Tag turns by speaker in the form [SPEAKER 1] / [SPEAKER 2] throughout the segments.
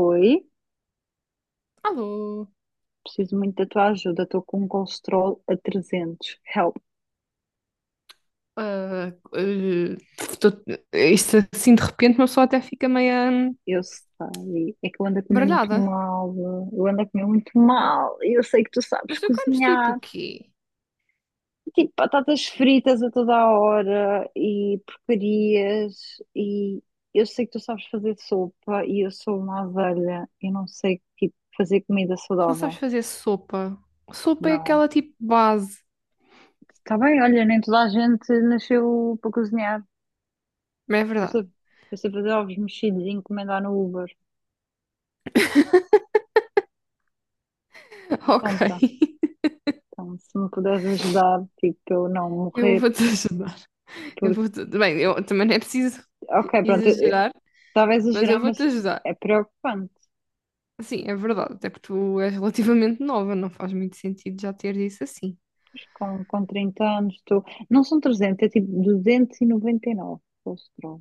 [SPEAKER 1] Oi,
[SPEAKER 2] Alô?
[SPEAKER 1] preciso muito da tua ajuda. Estou com um colesterol a 300. Help,
[SPEAKER 2] Ah, eh, Isto assim de repente uma pessoa até fica meio hum,
[SPEAKER 1] eu sei. É que eu ando a comer muito
[SPEAKER 2] baralhada.
[SPEAKER 1] mal. Eu ando a comer muito mal. E eu sei que tu sabes
[SPEAKER 2] Mas tu comes tipo o
[SPEAKER 1] cozinhar.
[SPEAKER 2] quê?
[SPEAKER 1] Tipo, batatas fritas a toda a hora e porcarias. E eu sei que tu sabes fazer sopa e eu sou uma azelha. Eu não sei, tipo, fazer comida
[SPEAKER 2] Tu não sabes
[SPEAKER 1] saudável.
[SPEAKER 2] fazer sopa. Sopa é
[SPEAKER 1] Não.
[SPEAKER 2] aquela tipo base.
[SPEAKER 1] Está bem, olha, nem toda a gente nasceu para cozinhar.
[SPEAKER 2] Mas é
[SPEAKER 1] Eu
[SPEAKER 2] verdade.
[SPEAKER 1] sei, eu sei fazer ovos mexidos e encomendar no Uber.
[SPEAKER 2] Ok.
[SPEAKER 1] Pronto, então se me puderes ajudar, tipo, para eu não
[SPEAKER 2] Eu
[SPEAKER 1] morrer,
[SPEAKER 2] vou-te ajudar. Eu
[SPEAKER 1] porque,
[SPEAKER 2] vou-te... Bem, eu também não é preciso
[SPEAKER 1] ok, pronto,
[SPEAKER 2] exagerar,
[SPEAKER 1] estava a
[SPEAKER 2] mas eu
[SPEAKER 1] exagerar, mas
[SPEAKER 2] vou-te ajudar.
[SPEAKER 1] é preocupante.
[SPEAKER 2] Sim, é verdade. Até porque tu és relativamente nova, não faz muito sentido já ter isso assim.
[SPEAKER 1] Pois com 30 anos, estou, não são trezentos, é tipo duzentos e noventa e nove colesterol,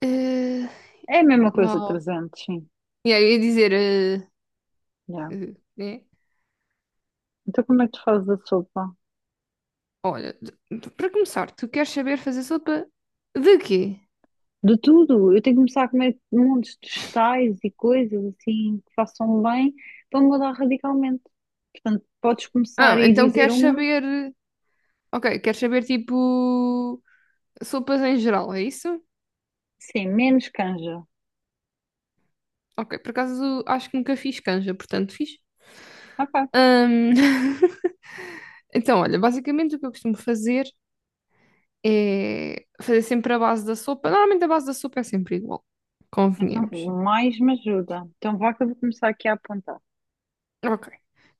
[SPEAKER 2] Eh,
[SPEAKER 1] é a mesma coisa,
[SPEAKER 2] uau.
[SPEAKER 1] 300, sim,
[SPEAKER 2] E aí eu ia dizer.
[SPEAKER 1] yeah.
[SPEAKER 2] Né?
[SPEAKER 1] Então como é que tu fazes a sopa?
[SPEAKER 2] Olha, para começar, tu queres saber fazer sopa de quê?
[SPEAKER 1] De tudo, eu tenho que começar a comer montes de vegetais e coisas assim que façam bem para mudar radicalmente, portanto, podes começar a
[SPEAKER 2] Ah, então
[SPEAKER 1] dizer
[SPEAKER 2] queres
[SPEAKER 1] uma,
[SPEAKER 2] saber. Ok, queres saber tipo. Sopas em geral, é isso?
[SPEAKER 1] sim, menos canja,
[SPEAKER 2] Ok, por acaso acho que nunca fiz canja, portanto fiz.
[SPEAKER 1] ok.
[SPEAKER 2] Ahm, Então, olha, basicamente o que eu costumo fazer é fazer sempre a base da sopa. Normalmente a base da sopa é sempre igual,
[SPEAKER 1] Então,
[SPEAKER 2] convenhamos.
[SPEAKER 1] mais me ajuda. Então, vá, que eu vou começar aqui a apontar.
[SPEAKER 2] Ok.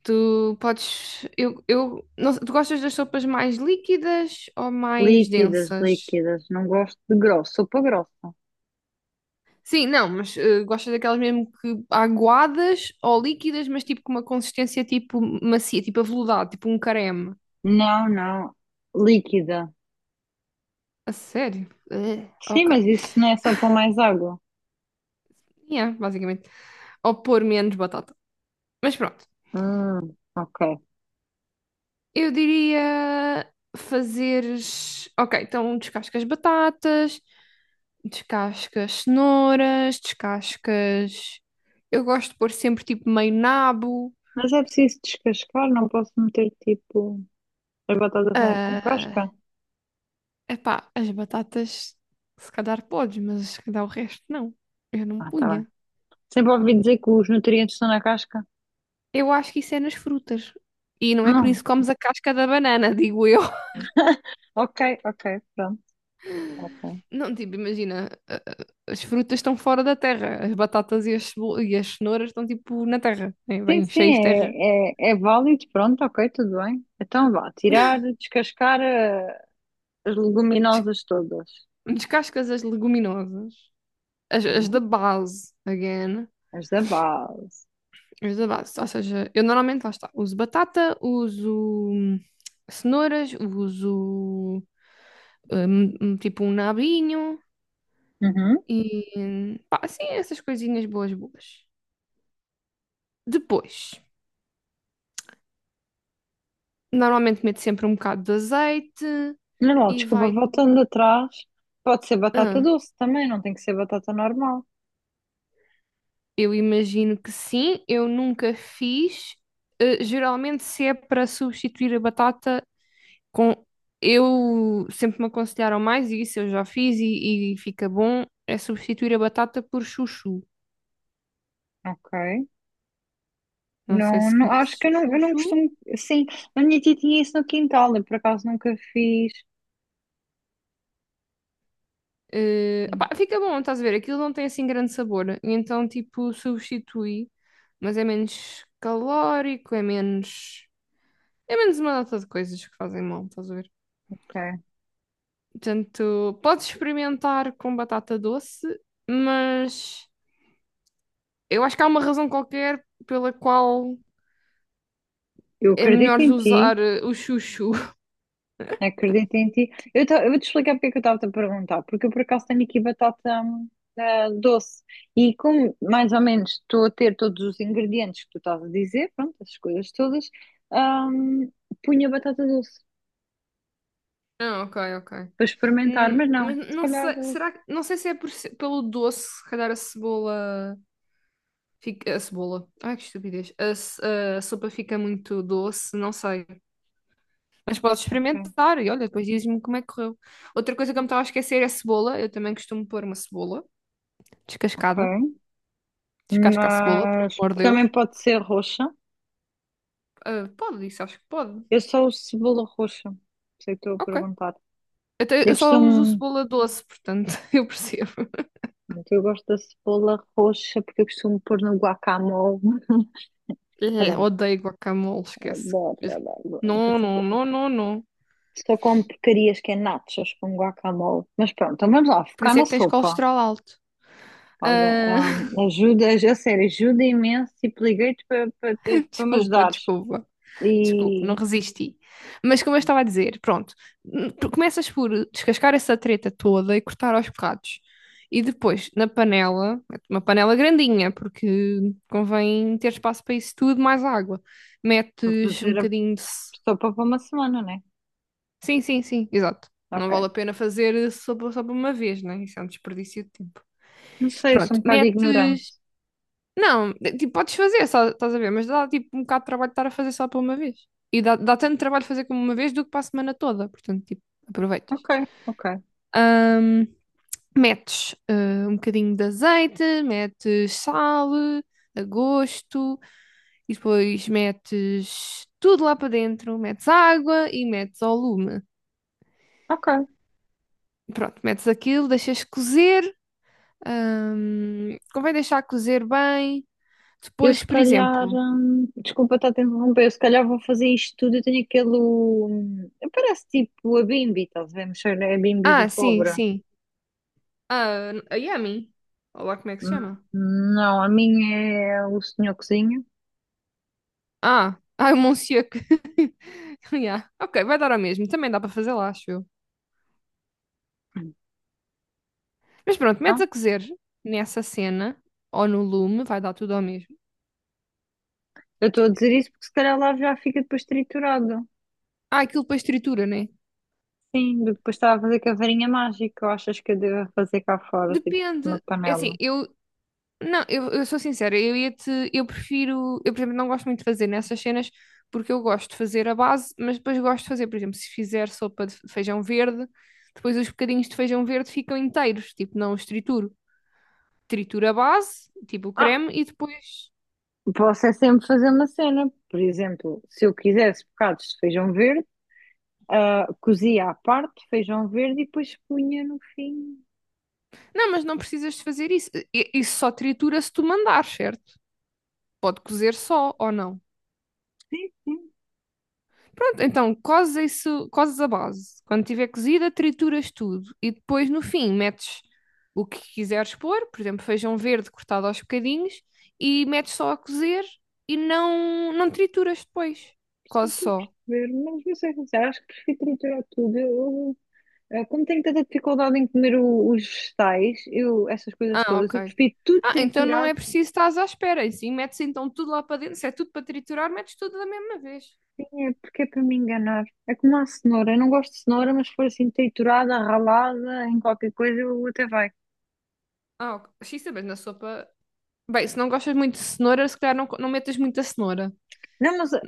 [SPEAKER 2] Tu podes. Eu não sei, tu gostas das sopas mais líquidas ou mais
[SPEAKER 1] Líquidas,
[SPEAKER 2] densas?
[SPEAKER 1] líquidas. Não gosto de grosso. Sopa grossa.
[SPEAKER 2] Sim, não, mas gostas daquelas mesmo que aguadas ou líquidas, mas tipo com uma consistência tipo macia, tipo aveludado, tipo um creme.
[SPEAKER 1] Não, não. Líquida.
[SPEAKER 2] A sério?
[SPEAKER 1] Sim,
[SPEAKER 2] Ok.
[SPEAKER 1] mas isso não é só para mais água.
[SPEAKER 2] Yeah, basicamente. Ou pôr menos batata. Mas pronto,
[SPEAKER 1] Ok.
[SPEAKER 2] eu diria fazeres. Ok, então descascas batatas, descascas cenouras, descascas. Eu gosto de pôr sempre tipo meio nabo.
[SPEAKER 1] Mas é preciso descascar, não posso meter tipo as batatas com
[SPEAKER 2] ah,
[SPEAKER 1] casca?
[SPEAKER 2] Epá, as batatas se calhar podes, mas se calhar o resto não. Eu não
[SPEAKER 1] Ah, tá bem.
[SPEAKER 2] punha.
[SPEAKER 1] Sempre ouvi dizer que os nutrientes estão na casca.
[SPEAKER 2] Eu acho que isso é nas frutas. E não é por
[SPEAKER 1] Hum.
[SPEAKER 2] isso que comes a casca da banana, digo eu.
[SPEAKER 1] Ok, ok, pronto. Ok.
[SPEAKER 2] Não, tipo, imagina, as frutas estão fora da terra, as batatas e as, as cenouras estão tipo na terra, né?
[SPEAKER 1] Sim,
[SPEAKER 2] Bem cheias de
[SPEAKER 1] sim,
[SPEAKER 2] terra.
[SPEAKER 1] é válido, pronto, ok, tudo bem. Então vá, tirar, descascar as leguminosas todas,
[SPEAKER 2] Descascas as leguminosas, as da
[SPEAKER 1] sim,
[SPEAKER 2] base, again.
[SPEAKER 1] as da base.
[SPEAKER 2] Os da base. Ou seja, eu normalmente, lá está, uso batata, uso hum, cenouras, uso tipo um nabinho
[SPEAKER 1] Uhum.
[SPEAKER 2] e pá, assim, essas coisinhas boas, boas. Depois, normalmente meto sempre um bocado de azeite
[SPEAKER 1] Não, não,
[SPEAKER 2] e
[SPEAKER 1] desculpa,
[SPEAKER 2] vai.
[SPEAKER 1] voltando atrás, pode ser batata
[SPEAKER 2] Ah,
[SPEAKER 1] doce também, não tem que ser batata normal,
[SPEAKER 2] eu imagino que sim, eu nunca fiz. Eh, geralmente, se é para substituir a batata, com, eu sempre me aconselharam mais e isso, eu já fiz e fica bom, é substituir a batata por chuchu.
[SPEAKER 1] ok?
[SPEAKER 2] Não sei
[SPEAKER 1] Não,
[SPEAKER 2] se
[SPEAKER 1] não, acho que
[SPEAKER 2] conheces
[SPEAKER 1] eu
[SPEAKER 2] o
[SPEAKER 1] não, eu não
[SPEAKER 2] chuchu.
[SPEAKER 1] costumo, sim, a minha tia tinha isso no quintal, eu por acaso nunca fiz,
[SPEAKER 2] Opá, fica bom, estás a ver? Aquilo não tem assim grande sabor. E então, tipo, substitui, mas é menos calórico, é menos. É menos uma data de coisas que fazem mal, estás a ver?
[SPEAKER 1] ok?
[SPEAKER 2] Portanto, podes experimentar com batata doce, mas eu acho que há uma razão qualquer pela qual
[SPEAKER 1] Eu
[SPEAKER 2] é
[SPEAKER 1] acredito
[SPEAKER 2] melhor
[SPEAKER 1] em ti,
[SPEAKER 2] usar o chuchu.
[SPEAKER 1] acredito em ti. Eu vou te explicar porque é que eu estava-te a perguntar, porque eu por acaso tenho aqui batata doce, e como mais ou menos estou a ter todos os ingredientes que tu estás a dizer, pronto, as coisas todas, hum, punha batata doce
[SPEAKER 2] Ah, ok, ok.
[SPEAKER 1] para experimentar, mas não,
[SPEAKER 2] Mas
[SPEAKER 1] se
[SPEAKER 2] não
[SPEAKER 1] calhar
[SPEAKER 2] sei, será que, não sei se é por pelo doce, se calhar a cebola fica, a cebola, ai que estupidez, a sopa fica muito doce, não sei. Mas podes
[SPEAKER 1] ok.
[SPEAKER 2] experimentar e olha, depois diz-me como é que correu. Outra coisa que eu me estava a esquecer é a cebola, eu também costumo pôr uma cebola
[SPEAKER 1] Ok.
[SPEAKER 2] descascada, descasca a cebola, pelo
[SPEAKER 1] Mas
[SPEAKER 2] amor de Deus.
[SPEAKER 1] também pode ser roxa.
[SPEAKER 2] Ah, pode, isso acho que pode.
[SPEAKER 1] Eu só uso cebola roxa, sei que estou a
[SPEAKER 2] Ok.
[SPEAKER 1] perguntar. Eu
[SPEAKER 2] Eu só uso
[SPEAKER 1] costumo,
[SPEAKER 2] cebola doce, portanto, eu percebo.
[SPEAKER 1] pronto, eu gosto da cebola roxa porque eu costumo pôr no guacamole.
[SPEAKER 2] Odeio guacamole, esquece.
[SPEAKER 1] Adoro, adoro, adoro.
[SPEAKER 2] Não, não,
[SPEAKER 1] Só,
[SPEAKER 2] não, não, não.
[SPEAKER 1] só como porcarias, que é nachos com guacamole. Mas pronto, então vamos lá,
[SPEAKER 2] Por
[SPEAKER 1] focar
[SPEAKER 2] isso é
[SPEAKER 1] na
[SPEAKER 2] que tens
[SPEAKER 1] sopa.
[SPEAKER 2] colesterol alto.
[SPEAKER 1] Olha,
[SPEAKER 2] Ah,
[SPEAKER 1] ajuda, a sério, ajuda imenso. Tipo, liguei-te para para ter- para me
[SPEAKER 2] desculpa,
[SPEAKER 1] ajudares.
[SPEAKER 2] desculpa, desculpa, não
[SPEAKER 1] E
[SPEAKER 2] resisti. Mas como eu
[SPEAKER 1] pronto,
[SPEAKER 2] estava a dizer, pronto, tu começas por descascar essa treta toda e cortar aos bocados. E depois, na panela, uma panela grandinha, porque convém ter espaço para isso tudo, mais água.
[SPEAKER 1] para
[SPEAKER 2] Metes um
[SPEAKER 1] fazer a
[SPEAKER 2] bocadinho de.
[SPEAKER 1] sopa para uma semana, né?
[SPEAKER 2] Sim, sim, sim, exato. Não vale
[SPEAKER 1] Ok.
[SPEAKER 2] a pena fazer só, só por uma vez, né? Isso é um desperdício de tempo.
[SPEAKER 1] Não sei, eu sou
[SPEAKER 2] Pronto,
[SPEAKER 1] um bocado ignorante.
[SPEAKER 2] metes. Não, tipo, podes fazer, só, estás a ver, mas dá tipo um bocado de trabalho de estar a fazer só para uma vez. E dá, dá tanto trabalho fazer como uma vez do que para a semana toda, portanto, tipo, aproveitas.
[SPEAKER 1] Ok, ok,
[SPEAKER 2] Ahm, Metes um bocadinho de azeite, metes sal a gosto, e depois metes tudo lá para dentro, metes água e metes ao lume.
[SPEAKER 1] ok.
[SPEAKER 2] Pronto, metes aquilo, deixas cozer, convém deixar cozer bem.
[SPEAKER 1] Eu
[SPEAKER 2] Depois,
[SPEAKER 1] se
[SPEAKER 2] por
[SPEAKER 1] calhar,
[SPEAKER 2] exemplo.
[SPEAKER 1] desculpa estar a te interromper, eu se calhar vou fazer isto tudo. Eu tenho aquele, parece tipo a Bimbi, estás a ver? Mexer a Bimbi do
[SPEAKER 2] Ah, sim,
[SPEAKER 1] pobre.
[SPEAKER 2] sim. Ah, a Yami. Olha lá como é que se
[SPEAKER 1] Hum,
[SPEAKER 2] chama.
[SPEAKER 1] Não, a minha é o senhor cozinha.
[SPEAKER 2] Ah, ah, o Monsieur. Yeah. Ok, vai dar ao mesmo. Também dá para fazer lá, acho eu. Mas pronto, metes
[SPEAKER 1] Então,
[SPEAKER 2] a cozer nessa cena ou no lume, vai dar tudo ao mesmo.
[SPEAKER 1] eu estou a dizer isso porque se calhar lá já fica depois triturado.
[SPEAKER 2] Ah, aquilo depois tritura, né?
[SPEAKER 1] Sim, depois estava a fazer com a varinha mágica. Ou achas que eu devo fazer cá fora, tipo, uma
[SPEAKER 2] Depende. É assim,
[SPEAKER 1] panela?
[SPEAKER 2] eu. Não, eu sou sincera, eu ia-te. Eu prefiro. Eu, por exemplo, não gosto muito de fazer nessas cenas porque eu gosto de fazer a base, mas depois gosto de fazer, por exemplo, se fizer sopa de feijão verde, depois os bocadinhos de feijão verde ficam inteiros, tipo, não os trituro. Tritura a base, tipo o
[SPEAKER 1] Ah,
[SPEAKER 2] creme, e depois.
[SPEAKER 1] posso é sempre fazer uma cena. Por exemplo, se eu quisesse bocados de feijão verde, cozia à parte feijão verde e depois punha no fim.
[SPEAKER 2] Não, mas não precisas de fazer isso. Isso só tritura se tu mandar, certo? Pode cozer só ou não.
[SPEAKER 1] Sim, sim,
[SPEAKER 2] Pronto, então cozes isso, cozes a base. Quando tiver cozida, trituras tudo e depois no fim metes o que quiseres pôr, por exemplo, feijão verde cortado aos bocadinhos e metes só a cozer e não trituras depois.
[SPEAKER 1] sim,
[SPEAKER 2] Cozes
[SPEAKER 1] estou a
[SPEAKER 2] só.
[SPEAKER 1] perceber. Mas vou ser sincera, acho que prefiro triturar tudo. Como tenho tanta dificuldade em comer os vegetais, eu, essas coisas
[SPEAKER 2] Ah,
[SPEAKER 1] todas,
[SPEAKER 2] ok.
[SPEAKER 1] eu prefiro tudo
[SPEAKER 2] Ah, então não
[SPEAKER 1] triturado,
[SPEAKER 2] é preciso estás à espera. E sim, metes então tudo lá para dentro. Se é tudo para triturar, metes tudo da mesma vez.
[SPEAKER 1] sim, é porque é para me enganar. É como a cenoura, eu não gosto de cenoura, mas se for assim triturada, ralada, em qualquer coisa, eu até vai.
[SPEAKER 2] Ah, ok. Sim, também na sopa. Bem, se não gostas muito de cenoura, se calhar não, não metas muita cenoura.
[SPEAKER 1] Não, mas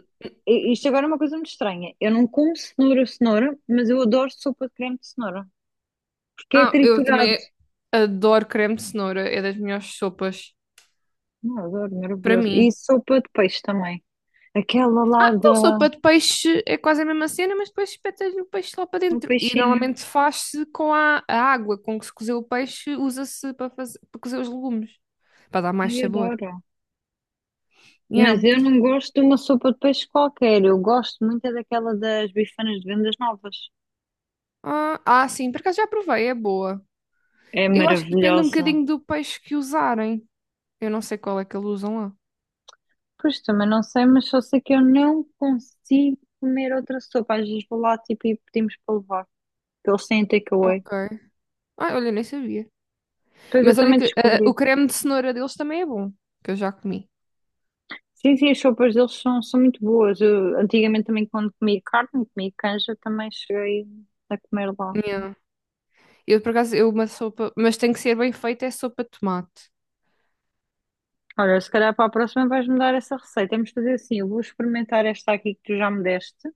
[SPEAKER 1] isto agora é uma coisa muito estranha. Eu não como cenoura, cenoura, mas eu adoro sopa de creme de cenoura, porque é
[SPEAKER 2] Ah, eu
[SPEAKER 1] triturado.
[SPEAKER 2] também adoro creme de cenoura. É das melhores sopas
[SPEAKER 1] Não, eu adoro,
[SPEAKER 2] para
[SPEAKER 1] maravilhoso. E
[SPEAKER 2] mim.
[SPEAKER 1] sopa de peixe também. Aquela lá
[SPEAKER 2] Então,
[SPEAKER 1] da,
[SPEAKER 2] sopa de peixe é quase a mesma cena, mas depois espetas o peixe lá para
[SPEAKER 1] do
[SPEAKER 2] dentro. E
[SPEAKER 1] peixinho,
[SPEAKER 2] normalmente faz-se com a água com que se cozeu o peixe, usa-se para fazer, para cozer os legumes, para dar mais
[SPEAKER 1] ai,
[SPEAKER 2] sabor.
[SPEAKER 1] adoro.
[SPEAKER 2] Yeah.
[SPEAKER 1] Mas eu não gosto de uma sopa de peixe qualquer. Eu gosto muito é daquela das bifanas de Vendas Novas.
[SPEAKER 2] Ah, ah, sim, por acaso já provei, é boa.
[SPEAKER 1] É
[SPEAKER 2] Eu acho que depende um
[SPEAKER 1] maravilhosa.
[SPEAKER 2] bocadinho do peixe que usarem. Eu não sei qual é que eles usam lá.
[SPEAKER 1] Pois também não sei, mas só sei que eu não consigo comer outra sopa. Às vezes vou lá tipo, e pedimos para levar, porque eles têm takeaway.
[SPEAKER 2] Ok. Ah, olha, nem sabia.
[SPEAKER 1] Pois eu
[SPEAKER 2] Mas olha
[SPEAKER 1] também
[SPEAKER 2] que o
[SPEAKER 1] descobri.
[SPEAKER 2] creme de cenoura deles também é bom, que eu já comi.
[SPEAKER 1] Sim, sim, as sopas deles são muito boas. Eu, antigamente, também quando comia carne, comia canja, também cheguei a comer lá.
[SPEAKER 2] Yeah. Eu por acaso, eu uma sopa, mas tem que ser bem feita, é sopa de tomate.
[SPEAKER 1] Olha, se calhar para a próxima vais-me dar essa receita. Vamos fazer assim, eu vou experimentar esta aqui que tu já me deste.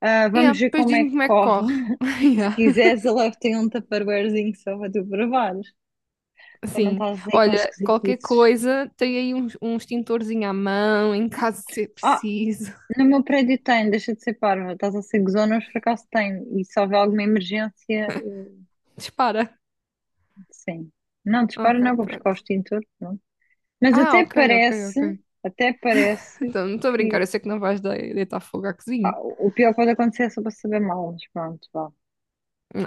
[SPEAKER 1] Ah,
[SPEAKER 2] Yeah,
[SPEAKER 1] vamos ver
[SPEAKER 2] depois
[SPEAKER 1] como é
[SPEAKER 2] diz-me
[SPEAKER 1] que
[SPEAKER 2] como é que
[SPEAKER 1] corre.
[SPEAKER 2] corre.
[SPEAKER 1] Se
[SPEAKER 2] Yeah.
[SPEAKER 1] quiseres, eu levo-te aí um tupperwarezinho só para tu provares. Para não
[SPEAKER 2] Sim.
[SPEAKER 1] estás aí com
[SPEAKER 2] Olha, qualquer
[SPEAKER 1] esquisitices.
[SPEAKER 2] coisa, tem aí um extintorzinho à mão, em caso de ser
[SPEAKER 1] Ah,
[SPEAKER 2] preciso.
[SPEAKER 1] no meu prédio tem, deixa de ser parva. Estás a ser gozona, mas por acaso tem. E se houver alguma emergência,
[SPEAKER 2] Dispara.
[SPEAKER 1] sim. Não, dispara não,
[SPEAKER 2] Ok,
[SPEAKER 1] vou buscar o
[SPEAKER 2] pronto.
[SPEAKER 1] extintor. Não. Mas
[SPEAKER 2] Ah,
[SPEAKER 1] até
[SPEAKER 2] ok, ok,
[SPEAKER 1] parece,
[SPEAKER 2] ok.
[SPEAKER 1] até parece
[SPEAKER 2] Então, não estou a brincar,
[SPEAKER 1] que,
[SPEAKER 2] eu sei que não vais deitar fogo à
[SPEAKER 1] pá,
[SPEAKER 2] cozinha.
[SPEAKER 1] o pior que pode acontecer é só para saber mal. Mas pronto, vá.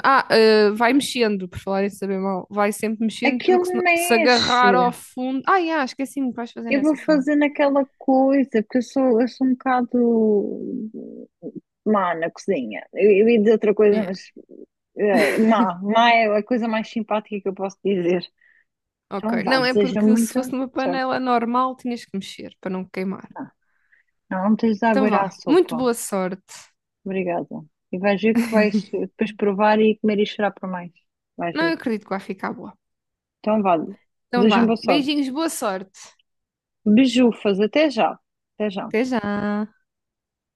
[SPEAKER 2] Ah, ah, vai mexendo, por falar em saber mal. Vai sempre mexendo,
[SPEAKER 1] Aquilo
[SPEAKER 2] porque se, se
[SPEAKER 1] mexe.
[SPEAKER 2] agarrar ao fundo. Ah, yeah, esqueci-me que vais fazer
[SPEAKER 1] Eu vou
[SPEAKER 2] nessa cena.
[SPEAKER 1] fazer naquela coisa, porque eu sou um bocado má na cozinha. Eu ia dizer outra coisa,
[SPEAKER 2] Yeah,
[SPEAKER 1] mas má, má é a coisa mais simpática que eu posso dizer. Então
[SPEAKER 2] ok.
[SPEAKER 1] vá,
[SPEAKER 2] Não, é
[SPEAKER 1] desejo
[SPEAKER 2] porque se fosse
[SPEAKER 1] muita
[SPEAKER 2] numa
[SPEAKER 1] sorte.
[SPEAKER 2] panela normal, tinhas que mexer para não queimar.
[SPEAKER 1] Não, não, não tens de
[SPEAKER 2] Então
[SPEAKER 1] aguardar a
[SPEAKER 2] vá, muito
[SPEAKER 1] sopa.
[SPEAKER 2] boa sorte.
[SPEAKER 1] Obrigada. E vais ver que vais depois provar e comer e chorar por mais. Vais
[SPEAKER 2] Não
[SPEAKER 1] ver.
[SPEAKER 2] acredito que vai ficar boa.
[SPEAKER 1] Então vá,
[SPEAKER 2] Então
[SPEAKER 1] desejo
[SPEAKER 2] vá,
[SPEAKER 1] boa sorte.
[SPEAKER 2] beijinhos, boa sorte.
[SPEAKER 1] Beijufas, até já. Até já.
[SPEAKER 2] Até já.